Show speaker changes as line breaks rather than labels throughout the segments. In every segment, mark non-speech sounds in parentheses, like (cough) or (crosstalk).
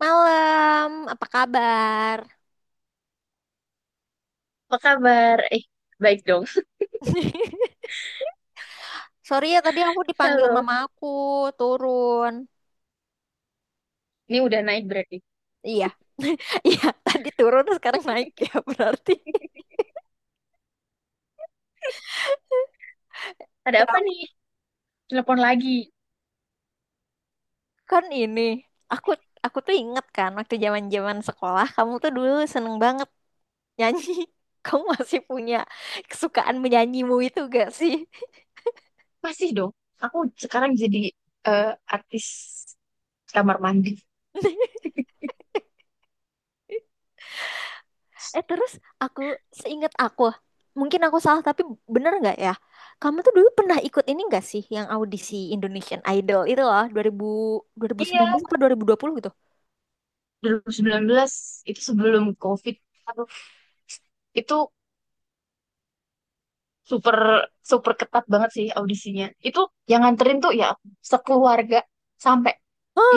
Malam, apa kabar?
Apa kabar? Baik dong.
(laughs) Sorry ya, tadi aku
(laughs)
dipanggil
Halo.
mama aku turun.
Ini udah naik berarti.
Iya, (laughs) iya, tadi turun sekarang naik ya berarti.
(laughs) Ada apa nih? Telepon lagi.
Kan ini, aku aku tuh inget kan waktu zaman-zaman sekolah kamu tuh dulu seneng banget nyanyi. (laughs) Kamu masih punya kesukaan menyanyimu itu gak sih?
Masih dong. Aku sekarang jadi eh, artis kamar mandi.
(laughs) Terus aku seingat aku, mungkin aku salah tapi bener nggak ya? Kamu tuh dulu pernah ikut ini nggak sih yang audisi Indonesian Idol itu loh dua ribu
Iya,
sembilan belas atau dua 2020 gitu?
2019 itu sebelum COVID. Aduh, itu super super ketat banget sih audisinya. Itu yang nganterin tuh ya sekeluarga sampai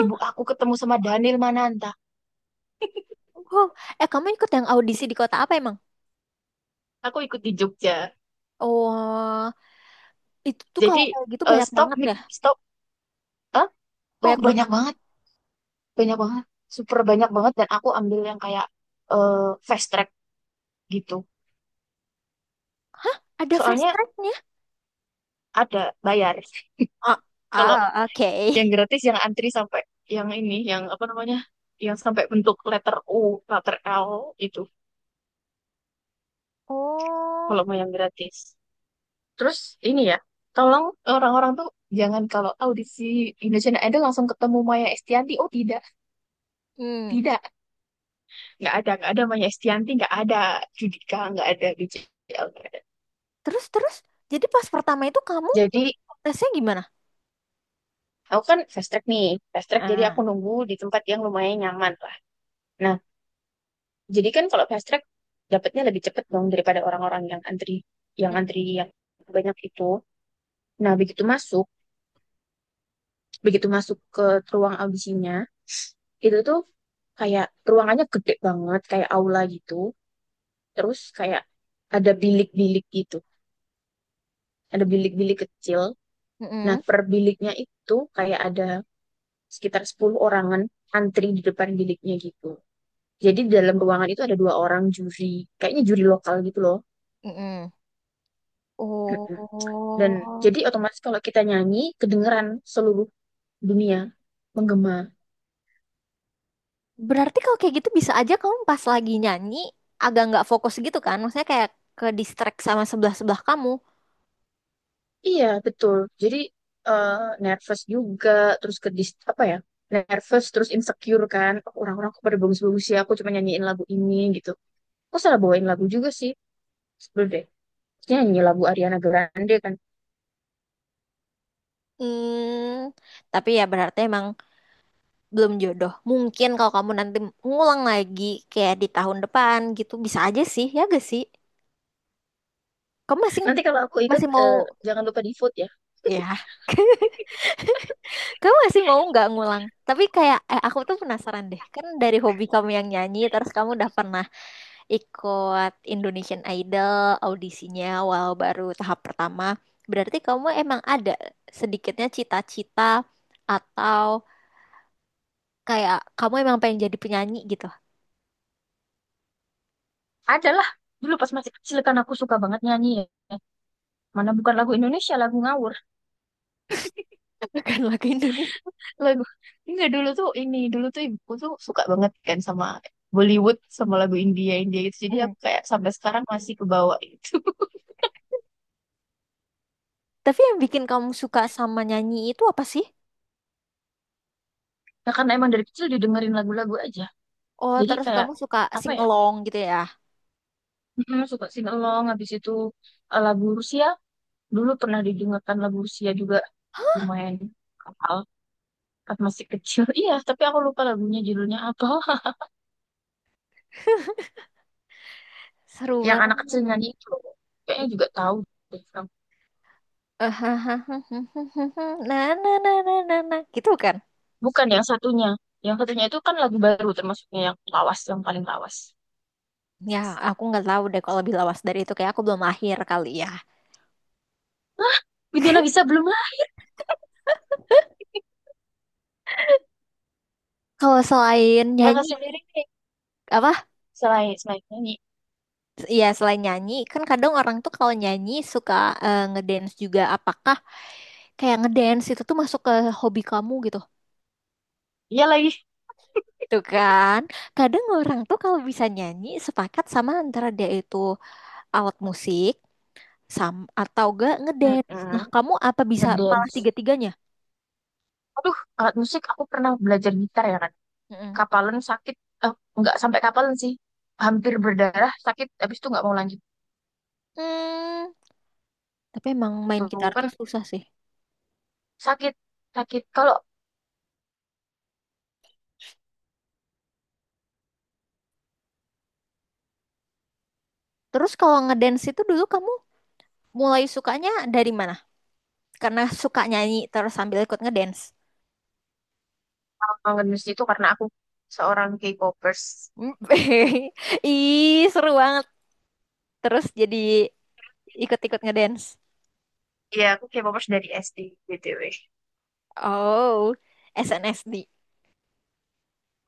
ibu aku ketemu sama Daniel Mananta.
Wow. Kamu ikut yang audisi di kota apa emang?
Aku ikut di Jogja.
Oh, itu tuh kalau
Jadi
kayak gitu banyak
stop
banget
mic,
ya,
stop. Hah? Oh,
banyak
banyak
banget.
banget. Banyak banget super banyak banget dan aku ambil yang kayak eh, fast track gitu
Ada fast
soalnya
tracknya?
ada bayar.
Ah,
(laughs) Kalau
ah, oke.
yang gratis yang antri sampai yang ini yang apa namanya, yang sampai bentuk letter U letter L itu,
Oh,
kalau mau yang gratis terus ini ya, tolong orang-orang tuh jangan kalau audisi Indonesian Idol langsung ketemu Maya Estianti. Oh tidak,
hmm.
tidak, nggak ada, nggak ada Maya Estianti, nggak ada Judika, nggak ada BCL, nggak ada.
Terus terus, jadi pas pertama itu kamu
Jadi
tesnya gimana?
aku kan fast track nih, fast track jadi aku
Ah.
nunggu di tempat yang lumayan nyaman lah. Nah, jadi kan kalau fast track dapatnya lebih cepet dong daripada orang-orang yang antri, yang
Mm,
antri yang banyak itu. Nah, begitu masuk ke ruang audisinya, itu tuh kayak ruangannya gede banget, kayak aula gitu. Terus kayak ada bilik-bilik gitu, ada bilik-bilik kecil. Nah,
mm-mm,
per biliknya itu kayak ada sekitar 10 orangan antri di depan biliknya gitu. Jadi di dalam ruangan itu ada 2 orang juri, kayaknya juri lokal gitu loh.
mm-mm.
Mm-mm. Dan
Oh,
jadi otomatis kalau kita nyanyi kedengeran seluruh dunia menggema.
berarti kalau kayak gitu bisa aja kamu pas lagi nyanyi agak nggak fokus gitu kan? Maksudnya kayak ke distract sama sebelah-sebelah kamu.
Iya, betul. Jadi eh, nervous juga, terus apa ya? Nervous terus insecure kan. Oh, orang-orang kok pada bagus-bagus ya, aku cuma nyanyiin lagu ini gitu. Aku salah bawain lagu juga sih. Sebelum deh. Terus nyanyi lagu Ariana Grande kan.
Hmm, tapi ya berarti emang belum jodoh. Mungkin kalau kamu nanti ngulang lagi kayak di tahun depan gitu bisa aja sih, ya gak sih? Kamu masih
Nanti kalau aku ikut
masih mau
eh, jangan lupa di vote ya.
ya. (laughs) Kamu masih mau nggak ngulang? Tapi kayak, eh aku tuh penasaran deh. Kan dari hobi kamu yang nyanyi, terus kamu udah pernah ikut Indonesian Idol audisinya walau baru tahap pertama. Berarti kamu emang ada sedikitnya cita-cita atau kayak kamu emang pengen jadi penyanyi gitu.
Adalah dulu pas masih kecil kan aku suka banget nyanyi ya. Mana bukan lagu Indonesia, lagu ngawur.
(laughs) Bukan lagu Indonesia.
Lagu enggak dulu tuh ini, dulu tuh ibuku tuh suka banget kan sama Bollywood sama lagu India India gitu. Jadi
Hmm.
aku kayak sampai sekarang masih kebawa itu. (laughs)
Tapi yang bikin kamu suka sama nyanyi itu apa sih?
Nah, karena emang dari kecil didengerin lagu-lagu aja.
Oh,
Jadi
terus
kayak
kamu suka
apa
sing
ya?
along gitu ya?
Suka singalong habis itu lagu Rusia. Dulu pernah didengarkan lagu Rusia juga lumayan kapal pas masih kecil. (laughs) Iya, tapi aku lupa lagunya judulnya apa.
(laughs) Seru
Yang anak
banget.
kecilnya nyanyi itu kayaknya juga tahu deh Fram.
(laughs) Nah, nah, nah, nah, nah, nah, gitu kan?
Bukan yang satunya, yang satunya itu kan lagu baru termasuknya yang lawas yang paling lawas.
Ya, aku nggak tahu deh kalau lebih lawas dari itu, kayak aku belum lahir kali ya.
Bibila bisa belum lah.
Kalau selain
Ella
nyanyi,
sendiri nih,
apa?
selain selain nyanyi
Iya, selain nyanyi, kan kadang orang tuh kalau nyanyi suka ngedance juga. Apakah kayak ngedance itu tuh masuk ke hobi kamu gitu?
dia lagi
Tuh kan? Kadang orang tuh kalau bisa nyanyi sepakat sama antara dia itu alat musik sam atau gak ngedance.
mm
Nah, kamu apa bisa malah
ngedance.
tiga-tiganya?
Aduh, alat musik aku pernah belajar gitar ya kan.
Mm-mm.
Kapalan sakit, eh, nggak sampai kapalan sih, hampir berdarah, sakit habis itu nggak mau lanjut.
Hmm, tapi emang main
Tuh
gitar
kan
tuh susah sih.
sakit sakit kalau
Terus kalau ngedance itu dulu kamu mulai sukanya dari mana? Karena suka nyanyi terus sambil ikut ngedance.
ngedance itu karena aku seorang K-popers.
Hmm. (laughs) Ih, seru banget. Terus jadi ikut-ikut ngedance.
Iya, aku K-popers dari SD, BTW.
Oh, SNSD.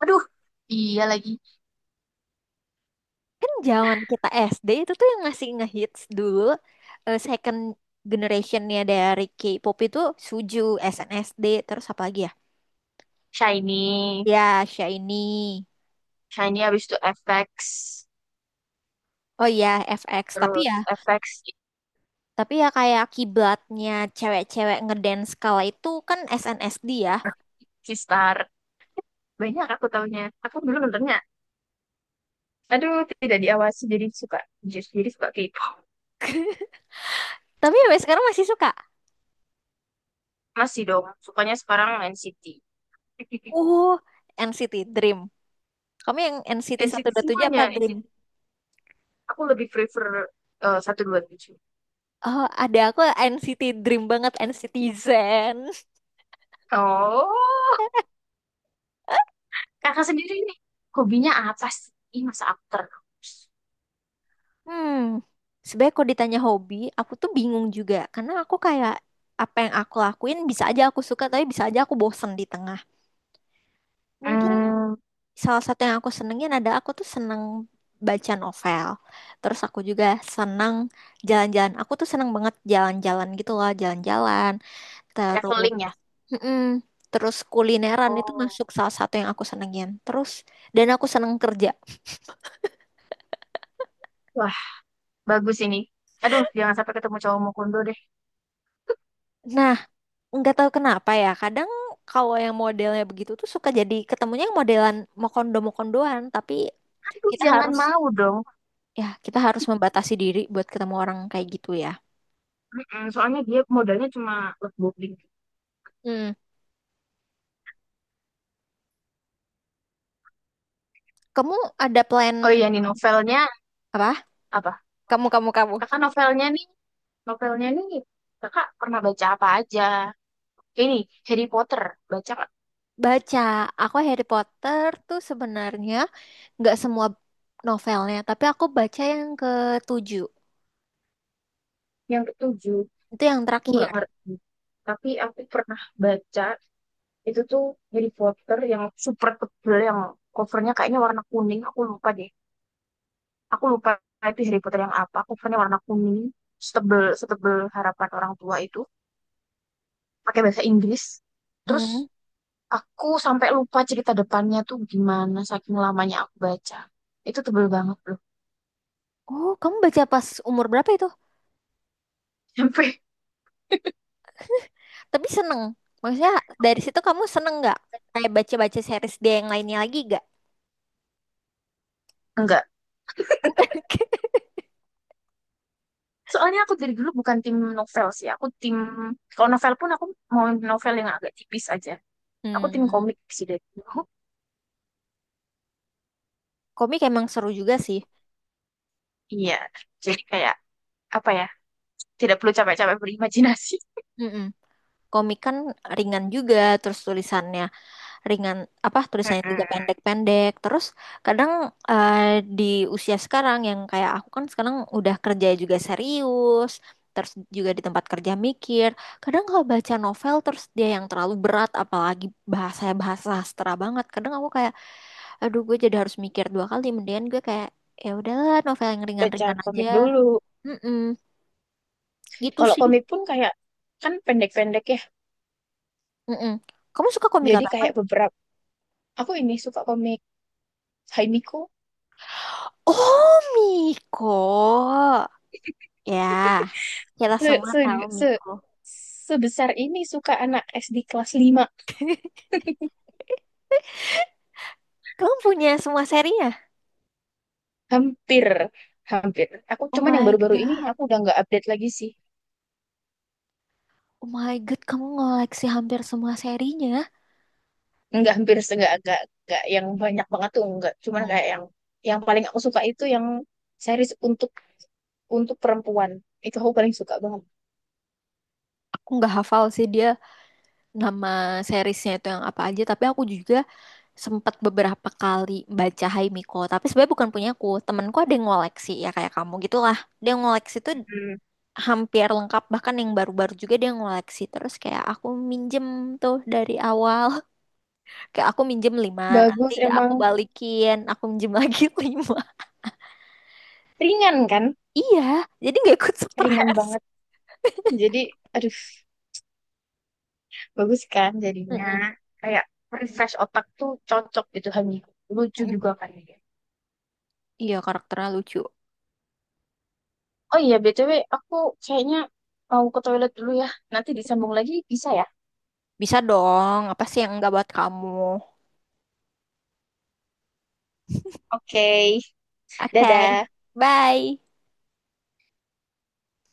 Aduh, iya lagi.
Kan zaman kita SD itu tuh yang ngasih ngehits dulu second generationnya dari K-pop itu Suju, SNSD, terus apa lagi ya?
Shiny.
Ya, Shiny.
Shiny habis itu FX.
Oh iya, FX. Tapi
Terus
ya
FX,
Tapi ya kayak kiblatnya cewek-cewek ngedance kala itu kan SNSD ya.
Sistar. Banyak aku taunya. Aku dulu nontonnya. Aduh, tidak diawasi jadi suka. Jadi suka K-pop.
Tapi sampai sekarang masih suka.
Masih dong, sukanya sekarang NCT.
Uh, NCT Dream. Kamu yang NCT
NCT (laughs)
127 apa
semuanya.
Dream?
NCT. Aku lebih prefer 127.
Oh, ada aku NCT Dream banget, NCT Zen.
Oh, kakak sendiri nih. Hobinya apa sih? Ih, masa aku terus.
Hmm, sebenarnya kalau ditanya hobi, aku tuh bingung juga. Karena aku kayak apa yang aku lakuin bisa aja aku suka, tapi bisa aja aku bosen di tengah. Mungkin
Hmm,
salah satu yang aku senengin, ada aku tuh seneng baca novel. Terus aku juga seneng jalan-jalan. Aku tuh seneng banget jalan-jalan gitu loh, jalan-jalan. Terus,
traveling ya?
mm-mm, terus kulineran itu
Oh.
masuk salah satu yang aku senengin. Terus, dan aku seneng kerja.
Wah, bagus ini. Aduh, jangan sampai ketemu cowok Mukundo deh.
Nah, nggak tahu kenapa ya. Kadang kalau yang modelnya begitu tuh suka jadi ketemunya yang modelan mokondo-mokondoan. Tapi
Aduh,
kita
jangan
harus,
mau dong.
ya kita harus membatasi diri buat ketemu orang kayak gitu ya.
Mm-mm, soalnya dia modalnya cuma love bombing.
Hmm. Kamu ada plan.
Oh iya nih, novelnya
Apa?
apa?
Kamu, kamu, kamu.
Kakak novelnya nih kakak pernah baca apa aja? Ini Harry Potter, baca nggak?
Baca, aku Harry Potter tuh sebenarnya nggak semua novelnya, tapi aku baca yang ketujuh.
Yang ketujuh.
Itu yang
Aku
terakhir.
nggak ngerti. Tapi aku pernah baca itu tuh Harry Potter yang super tebel, yang covernya kayaknya warna kuning. Aku lupa deh. Aku lupa itu Harry Potter yang apa, covernya warna kuning, setebel setebel harapan orang tua itu, pakai bahasa Inggris terus
Hmm.
aku sampai lupa cerita depannya tuh gimana saking lamanya aku baca. Itu tebel banget loh.
Oh, kamu baca pas umur berapa itu?
(laughs) Sampai
Tapi seneng. Maksudnya dari situ kamu seneng nggak? Kayak baca-baca series dia yang lainnya lagi nggak?
enggak
(laughs)
soalnya aku dari dulu bukan tim novel sih, aku tim, kalau novel pun aku mau novel yang agak tipis aja. Aku tim
Hmm,
komik sih dari dulu.
komik emang seru juga sih.
Iya, jadi kayak apa ya, tidak perlu capek-capek berimajinasi.
Mm-mm. Komik kan ringan juga, terus tulisannya ringan, apa
(laughs)
tulisannya juga
Heeh.
pendek-pendek. Terus kadang eh, di usia sekarang yang kayak aku, kan sekarang udah kerja juga serius, terus juga di tempat kerja mikir. Kadang kalau baca novel terus dia yang terlalu berat, apalagi bahasanya bahasa sastra banget, kadang aku kayak aduh, gue jadi harus mikir dua kali. Mendingan gue kayak ya udahlah, novel yang
Baca
ringan-ringan aja.
komik dulu.
Mm-mm, gitu
Kalau
sih.
komik pun kayak kan pendek-pendek ya.
Mm-mm. Kamu suka komik
Jadi
apa?
kayak beberapa aku ini suka komik Haimiku,
Oh, Miko ya. Kita
se,
semua tahu
se, se,
Miko.
sebesar ini suka anak SD kelas 5.
Kamu punya semua serinya?
Hampir hampir. Aku
Oh
cuman yang
my
baru-baru ini
God.
aku udah nggak update lagi sih.
Oh my God, kamu ngoleksi hampir semua serinya.
Nggak hampir nggak yang banyak banget tuh nggak. Cuman
Hmm.
kayak yang paling aku suka itu yang series untuk perempuan. Itu aku paling suka banget.
Aku nggak hafal sih dia nama seriesnya itu yang apa aja, tapi aku juga sempat beberapa kali baca Hai Miko. Tapi sebenarnya bukan punya aku, temanku ada yang ngoleksi ya kayak kamu gitulah. Dia ngoleksi tuh
Hmm.
hampir lengkap, bahkan yang baru-baru juga dia ngoleksi. Terus kayak aku minjem tuh dari awal, (laughs) kayak aku minjem lima, nanti
Bagus
aku
emang
balikin, aku minjem lagi (laughs) lima.
ringan kan?
Iya, jadi nggak ikut
Ringan
stres.
banget. Jadi aduh bagus kan jadinya
Mm-mm.
kayak refresh otak tuh cocok gitu Hani, lucu
Mm-mm.
juga kan dia.
Iya, karakternya lucu.
Oh iya BTW, aku kayaknya mau ke toilet dulu ya, nanti disambung lagi bisa ya.
Bisa dong, apa sih yang nggak buat kamu?
Oke,
Oke,
dadah.
bye.